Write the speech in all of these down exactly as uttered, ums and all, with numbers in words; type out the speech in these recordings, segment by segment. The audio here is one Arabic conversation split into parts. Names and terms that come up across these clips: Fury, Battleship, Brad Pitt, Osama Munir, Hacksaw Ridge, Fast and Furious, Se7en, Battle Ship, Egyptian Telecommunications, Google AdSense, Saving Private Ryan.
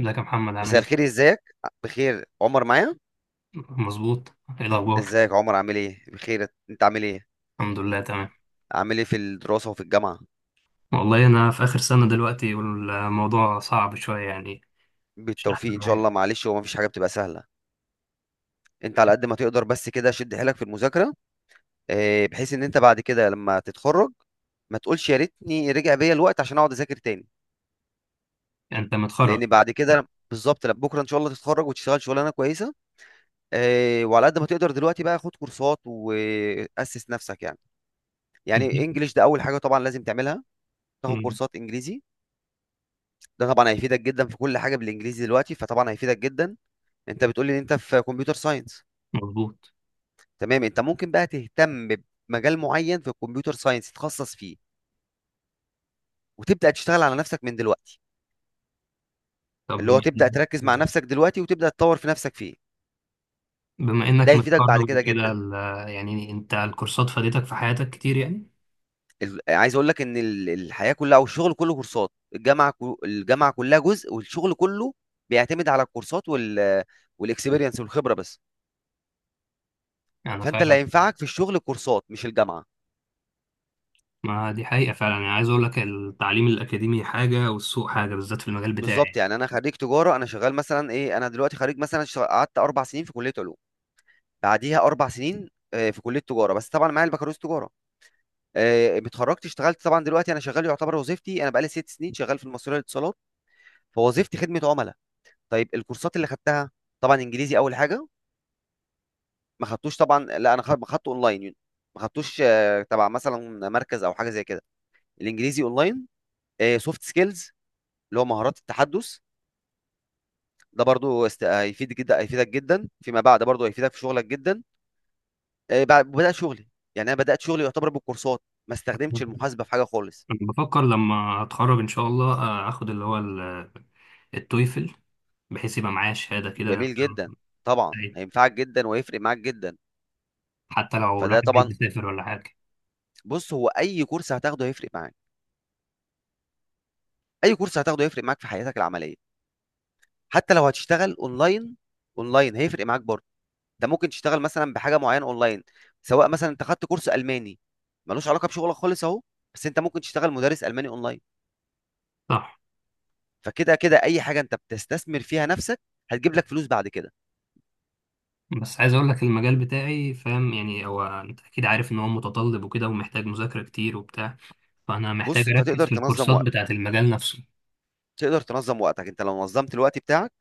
ازيك يا محمد عامل مساء ايه؟ الخير، ازيك؟ بخير، عمر معايا. مظبوط. ايه الاخبار؟ ازيك عمر؟ عامل ايه؟ بخير، انت عامل ايه؟ الحمد لله تمام. عامل ايه في الدراسة وفي الجامعة؟ والله انا في اخر سنة دلوقتي والموضوع صعب شوية يعني. مش احسن بالتوفيق ان شاء معايا. الله. معلش، هو مفيش حاجة بتبقى سهلة. انت على قد ما تقدر بس كده شد حيلك في المذاكرة. اه، بحيث ان انت بعد كده لما تتخرج ما تقولش يا ريتني رجع بيا الوقت عشان اقعد اذاكر تاني. انت متخرج؟ لان بعد كده بالظبط، لا، بكره ان شاء الله تتخرج وتشتغل شغلانه كويسه. آه وعلى قد ما تقدر دلوقتي بقى خد كورسات واسس نفسك يعني. يعني انجليش ده اول حاجه طبعا لازم تعملها، تاخد مم. كورسات انجليزي. ده طبعا هيفيدك جدا في كل حاجه بالانجليزي دلوقتي فطبعا هيفيدك جدا. انت بتقول لي ان انت في كمبيوتر ساينس. مظبوط. تمام، انت ممكن بقى تهتم بمجال معين في الكمبيوتر ساينس تتخصص فيه، وتبدا تشتغل على نفسك من دلوقتي، طب اللي هو بما تبدا إنك تركز مع نفسك دلوقتي وتبدا تطور في نفسك فيه. بما ده انك هيفيدك بعد متخرج كده وكده جدا. ال- يعني انت الكورسات فادتك في حياتك كتير يعني. ال- عايز اقول لك ان ال- الحياه كلها او الشغل كله كورسات. الجامعه كو- الجامعه كلها جزء والشغل كله بيعتمد على الكورسات وال والاكسبيرينس والخبره بس. انا فانت اللي فعلا. هينفعك في الشغل كورسات مش الجامعه. ما دي حقيقة فعلا، يعني عايز اقول لك التعليم الاكاديمي حاجة والسوق حاجة بالذات في المجال بالظبط، بتاعي. يعني انا خريج تجاره، انا شغال مثلا ايه. انا دلوقتي خريج مثلا، شغ- قعدت اربع سنين في كليه علوم، بعديها اربع سنين آه، في كليه تجاره، بس طبعا معايا البكالوريوس تجاره. آه، اتخرجت اشتغلت، طبعا دلوقتي انا شغال يعتبر. وظيفتي، انا بقالي ست سنين شغال في المصرية للاتصالات. فوظيفتي خدمه عملاء. طيب، الكورسات اللي خدتها، طبعا انجليزي اول حاجه. ما خدتوش طبعا، لا انا خد- خدته اونلاين يعني. ما خدتوش آه، تبع مثلا مركز او حاجه زي كده. الانجليزي اونلاين. سوفت سكيلز اللي هو مهارات التحدث، ده برضو است... هيفيد جدا، هيفيدك جدا فيما بعد، برضو هيفيدك في شغلك جدا. آه، بعد- بدأت شغلي، يعني انا بدأت شغلي يعتبر بالكورسات، ما استخدمتش المحاسبة في حاجة خالص. انا بفكر لما اتخرج ان شاء الله آه، اخد اللي هو التويفل، بحيث يبقى معايا شهادة كده. جميل جدا، طبعا أيوة. هينفعك جدا ويفرق معاك جدا. حتى لو فده الواحد عايز طبعا. يسافر ولا حاجة. بص، هو اي كورس هتاخده هيفرق معاك. اي كورس هتاخده هيفرق معاك في حياتك العملية. حتى لو هتشتغل اونلاين، اونلاين هيفرق معاك برضو. ده ممكن تشتغل مثلا بحاجة معينة اونلاين. سواء مثلا انت خدت كورس الماني ملوش علاقة بشغلك خالص اهو، بس انت ممكن تشتغل مدرس الماني اونلاين. صح. فكده كده، اي حاجه انت بتستثمر فيها نفسك هتجيب لك فلوس بعد كده. بس عايز أقول لك المجال بتاعي، فاهم، يعني هو أنت أكيد عارف إن هو متطلب وكده ومحتاج مذاكرة كتير وبتاع. فأنا محتاج بص، انت أركز تقدر في تنظم الكورسات وقتك. بتاعة المجال نفسه. تقدر تنظم وقتك، انت لو نظمت الوقت بتاعك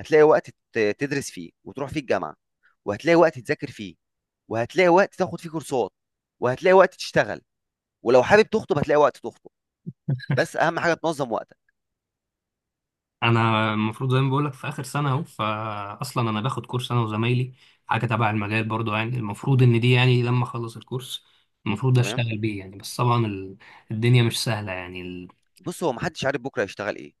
هتلاقي وقت ت- تدرس فيه وتروح فيه الجامعه، وهتلاقي وقت تذاكر فيه، وهتلاقي وقت تاخد فيه كورسات، وهتلاقي وقت تشتغل. ولو حابب تخطب هتلاقي وقت تخطب. بس اهم حاجه تنظم وقتك. أنا المفروض زي ما بقول لك في آخر سنة أهو، فأصلا أنا باخد كورس أنا وزمايلي. حاجة تبع المجال برضو، يعني المفروض إن دي يعني لما أخلص الكورس المفروض تمام. أشتغل بيه يعني. بس طبعا ال- الدنيا مش سهلة يعني ال... بص، هو محدش عارف بكره هيشتغل ايه.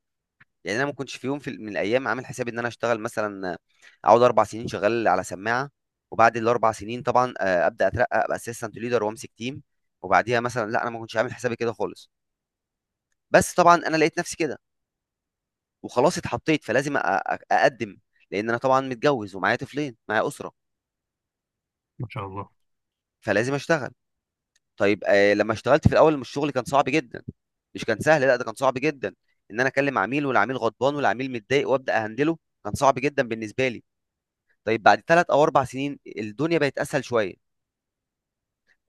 يعني انا ما كنتش في يوم في من الايام عامل حسابي ان انا اشتغل مثلا، اقعد اربع سنين شغال على سماعه وبعد الاربع سنين طبعا، آه، ابدا اترقى ابقى اسيستنت ليدر وامسك تيم. وبعديها مثلا، لا انا ما كنتش عامل حسابي كده خالص. بس طبعا انا لقيت نفسي كده وخلاص اتحطيت، فلازم أ- أ- اقدم. لان انا طبعا متجوز ومعايا طفلين معايا اسره، ما شاء الله. فلازم اشتغل. طيب، آه، لما اشتغلت في الاول الشغل كان صعب جدا، مش كان سهل، لا ده كان صعب جدا. ان انا اكلم عميل والعميل غضبان والعميل متضايق وابدا اهندله، كان صعب جدا بالنسبه لي. طيب، بعد ثلاث او اربع سنين الدنيا بقت اسهل شويه.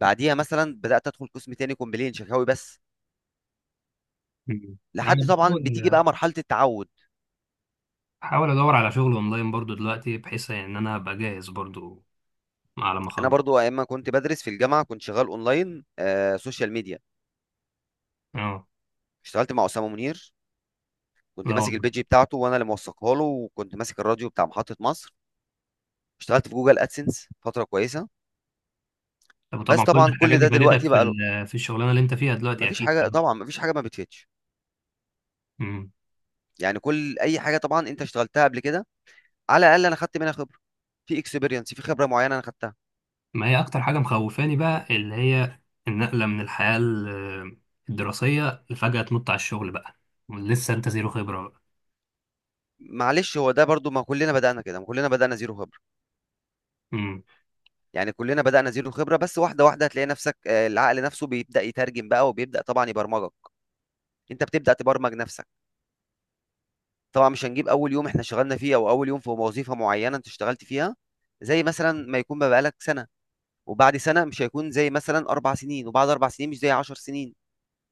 بعديها مثلا بدات ادخل قسم تاني كومبلين شكاوي بس. مم. أنا لحد طبعا بتيجي بحاول بقى مرحله التعود. احاول ادور على شغل اونلاين برضو دلوقتي، بحيث ان انا ابقى جاهز برضو على ما انا اخلص. برضو ايام ما كنت بدرس في الجامعه كنت شغال اونلاين آه سوشيال ميديا. اه. اشتغلت مع اسامه منير. كنت لا ماسك والله. البيج بتاعته وانا اللي موثقها له، وكنت ماسك الراديو بتاع محطه مصر. اشتغلت في جوجل ادسنس فتره كويسه. طب بس طبعا كل طبعا كل الحاجات دي ده فادتك دلوقتي في بقى له. ال- في الشغلانه اللي انت فيها دلوقتي مفيش اكيد حاجه كمان. طبعا، مفيش حاجه ما بتفيدش. امم. يعني كل اي حاجه طبعا انت اشتغلتها قبل كده، على الاقل انا خدت منها خبره، في اكسبيرينس، في خبره معينه انا خدتها. ما هي اكتر حاجه مخوفاني بقى اللي هي النقله من الحياه ال- الدراسيه، لفجاه تنط على الشغل بقى. لسه انت زيرو خبره بقى. معلش، هو ده برضو ما كلنا بدأنا كده، ما كلنا بدأنا زيرو خبرة. امم. يعني كلنا بدأنا زيرو خبرة، بس واحدة واحدة هتلاقي نفسك. آه، العقل نفسه بيبدأ يترجم بقى وبيبدأ طبعا يبرمجك. انت بتبدأ تبرمج نفسك. طبعا مش هنجيب اول يوم احنا اشتغلنا فيه او اول يوم في وظيفة معينة انت اشتغلت فيها زي مثلا ما يكون بقى بقالك سنة، وبعد سنة مش هيكون زي مثلا اربع سنين، وبعد اربع سنين مش زي عشر سنين.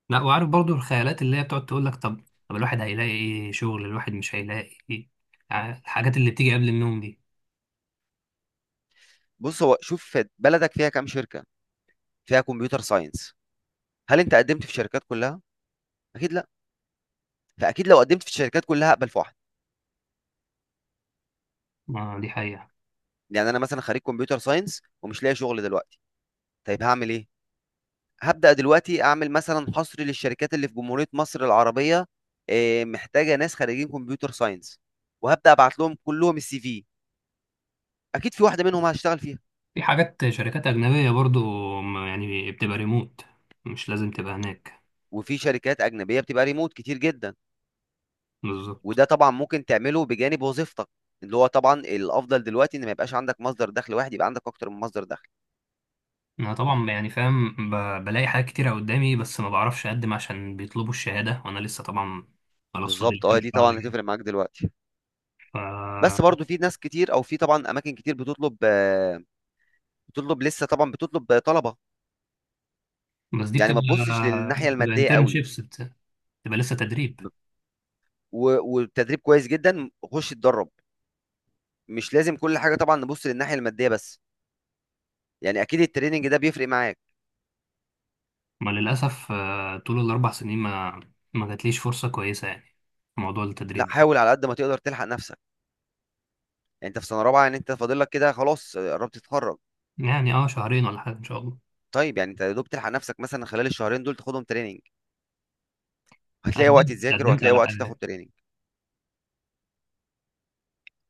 لا، وعارف برضو الخيالات اللي هي بتقعد تقول لك طب طب الواحد هيلاقي ايه شغل، الواحد مش هيلاقي ايه. ع- الحاجات اللي بتيجي قبل النوم دي. بص، هو شوف بلدك فيها كام شركة فيها كمبيوتر ساينس. هل انت قدمت في الشركات كلها؟ اكيد لا. فاكيد لو قدمت في الشركات كلها هقبل في واحدة. ما دي حقيقه. يعني انا مثلا خريج كمبيوتر ساينس ومش لاقي شغل دلوقتي. طيب هعمل ايه؟ هبدأ دلوقتي اعمل مثلا حصر للشركات اللي في جمهورية مصر العربية آه، محتاجة ناس خريجين كمبيوتر ساينس، وهبدأ ابعت لهم كلهم السي في. اكيد في واحدة منهم هشتغل فيها. في حاجات شركات أجنبية برضو. م- يعني بتبقى ريموت، مش لازم تبقى هناك. وفي شركات أجنبية بتبقى ريموت كتير جدا، بالظبط. وده طبعا ممكن تعمله بجانب وظيفتك. اللي هو طبعا الافضل دلوقتي ان ما يبقاش عندك مصدر دخل واحد، يبقى عندك اكتر من مصدر دخل. أنا طبعا يعني فاهم، ب- بلاقي حاجات كتيرة قدامي، بس ما بعرفش أقدم عشان بيطلبوا الشهادة وأنا لسه طبعا خلاص فاضل لي بالظبط، اه كام دي شهر طبعا يعني. هتفرق معاك دلوقتي. ف بس برضو في ناس كتير او في طبعا اماكن كتير بتطلب آه، بتطلب لسه، طبعا بتطلب طلبه. بس دي يعني بتبقى ما تبصش للناحيه بتبقى الماديه قوي. انترنشيبس، بتبقى لسه تدريب. ب- و- والتدريب كويس جدا، خش اتدرب. مش لازم كل حاجه طبعا نبص للناحيه الماديه بس. يعني اكيد التريننج ده بيفرق معاك. ما للأسف آه، طول الأربع سنين ما ما جاتليش فرصة كويسة، يعني في موضوع لا، التدريب. حاول على قد ما تقدر تلحق نفسك. يعني انت في سنه رابعه، يعني انت فاضل لك كده خلاص قربت تتخرج. يعني اه شهرين ولا حاجة إن شاء الله. طيب، يعني انت يا دوب تلحق نفسك مثلا خلال الشهرين دول تاخدهم تريننج. هتلاقي وقت قدمت، تذاكر قدمت وهتلاقي على وقت تاخد حاجات تريننج.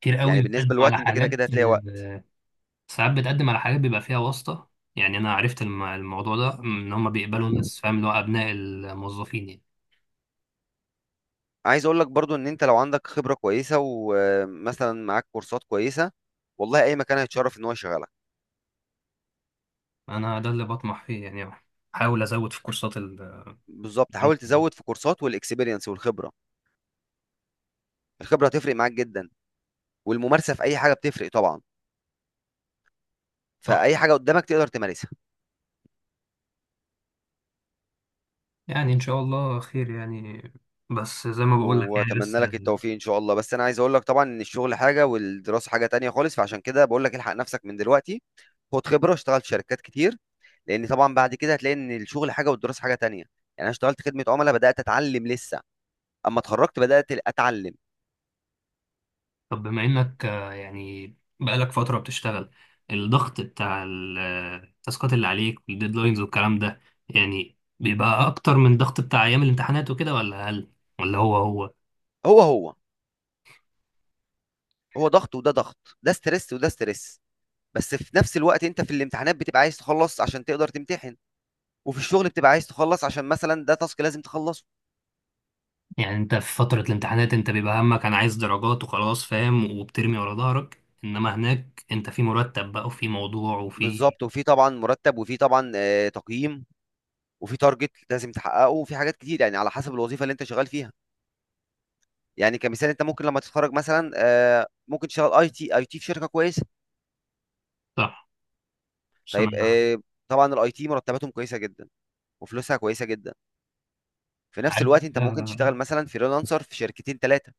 كتير يعني قوي، بتقدم بالنسبه على للوقت انت كده حاجات، كده هتلاقي وقت. آه، ساعات بتقدم على حاجات بيبقى فيها واسطة. يعني أنا عرفت الم- الموضوع ده إن هما بيقبلوا مم. ناس، فاهم، اللي هو أبناء الموظفين يعني. عايز اقول لك برضو ان انت لو عندك خبرة كويسة ومثلا معاك كورسات كويسة، والله اي مكان هيتشرف ان هو يشغلك. أنا ده اللي بطمح فيه يعني، أحاول أزود في كورسات ال بالظبط، حاول تزود في كورسات والاكسبيرينس والخبرة. الخبرة هتفرق معاك جدا، والممارسة في اي حاجة بتفرق طبعا. صح. فاي حاجة قدامك تقدر تمارسها. يعني إن شاء الله خير يعني. بس زي ما بقول لك يعني واتمنى بس لك ال- التوفيق ان شاء الله. بس انا عايز اقول لك طبعا ان الشغل حاجة والدراسة حاجة تانية خالص، فعشان كده بقول لك الحق نفسك من دلوقتي. خد خبرة، اشتغل في شركات كتير. لان طبعا بعد كده هتلاقي ان الشغل حاجة والدراسة حاجة تانية. يعني انا اشتغلت خدمة عملاء بدأت اتعلم لسه، اما اتخرجت بدات اتعلم. طب بما إنك آه، يعني بقالك فترة بتشتغل، الضغط بتاع ال- آه، التاسكات اللي عليك والديدلاينز والكلام ده، يعني بيبقى أكتر من ضغط بتاع أيام الامتحانات وكده ولا أقل؟ ولا هو هو؟ هو هو. هو ضغط وده ضغط، ده ستريس وده ستريس. بس في نفس الوقت انت في الامتحانات بتبقى عايز تخلص عشان تقدر تمتحن، وفي الشغل بتبقى عايز تخلص عشان مثلا ده تاسك لازم تخلصه. يعني انت في فترة الامتحانات انت بيبقى همك انا عايز درجات وخلاص، فاهم، وبترمي ورا ظهرك، انما هناك انت في مرتب بقى وفي موضوع وفي. بالظبط، وفي طبعا مرتب، وفي طبعا آه، تقييم، وفي تارجت لازم تحققه، وفي حاجات كتير يعني على حسب الوظيفه اللي انت شغال فيها. يعني كمثال، انت ممكن لما تتخرج مثلا آه، ممكن تشتغل اي تي اي تي في شركه كويسه. صح بس انا طيب، آه، طبعا الاي تي مرتباتهم كويسه جدا وفلوسها كويسه جدا. في نفس عارف. الوقت انت ممكن تشتغل ده- مثلا فريلانسر في شركتين ثلاثه.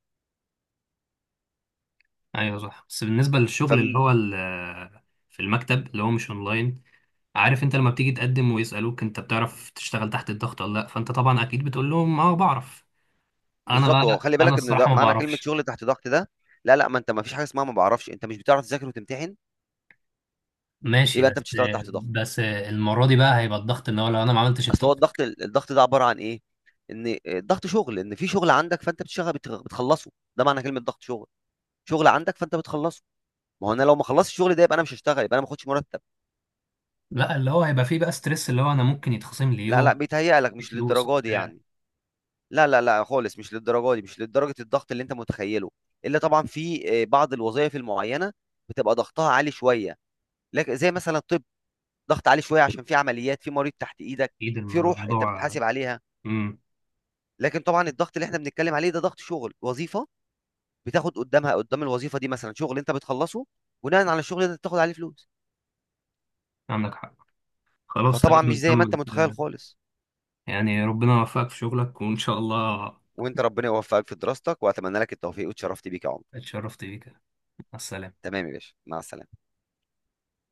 ايوه صح. بس بالنسبة للشغل اللي هو ال- في المكتب، اللي هو مش اونلاين. عارف، انت لما بتيجي تقدم ويسألوك انت بتعرف تشتغل تحت الضغط ولا لا، فانت طبعا اكيد بتقول لهم اه بعرف. انا فبالظبط، هو بقى خلي انا بالك ان ده الصراحة ما معنى كلمه بعرفش. شغل تحت ضغط ده. لا، لا، ما انت ما فيش حاجه اسمها ما بعرفش. انت مش بتعرف تذاكر وتمتحن؟ ماشي. يبقى انت بس بتشتغل تحت ضغط. بس المرة دي بقى هيبقى الضغط ان هو لو انا ما عملتش اصل هو التاسك. الضغط الضغط ده عباره عن ايه؟ ان الضغط شغل، ان في شغل عندك فانت بتشتغل بت- بتخلصه. ده معنى كلمه ضغط شغل. شغل عندك فانت بتخلصه. ما هو انا لو ما خلصتش الشغل ده يبقى انا مش هشتغل، يبقى انا ما باخدش مرتب. لا، اللي هو هيبقى فيه بقى ستريس، اللي هو انا ممكن يتخصم لي لا، لا، يوم بيتهيأ لك في مش فلوس للدرجه دي وبتاع. يعني. لا، لا، لا، خالص مش للدرجه دي، مش لدرجه الضغط اللي انت متخيله. الا طبعا في آه، بعض الوظائف المعينه بتبقى ضغطها عالي شويه. لكن زي مثلا الطب، ضغط عالي شويه عشان في عمليات، في مريض تحت ايدك، اكيد الم- في روح انت الموضوع. بتحاسب عليها. امم. لكن طبعا الضغط اللي احنا بنتكلم عليه ده ضغط شغل، وظيفه بتاخد قدامها قدام الوظيفه دي مثلا شغل انت بتخلصه، بناء على الشغل ده انت بتاخد عليه فلوس. عندك حق. خلاص فطبعا تمام. مش زي ما انت محمد، متخيل خالص. يعني ربنا يوفقك في شغلك وان شاء الله. وانت ربنا يوفقك في دراستك، واتمنى لك التوفيق، واتشرفت بيك يا عمر. اتشرفت بيك، مع السلامه. تمام يا باشا، مع السلامه.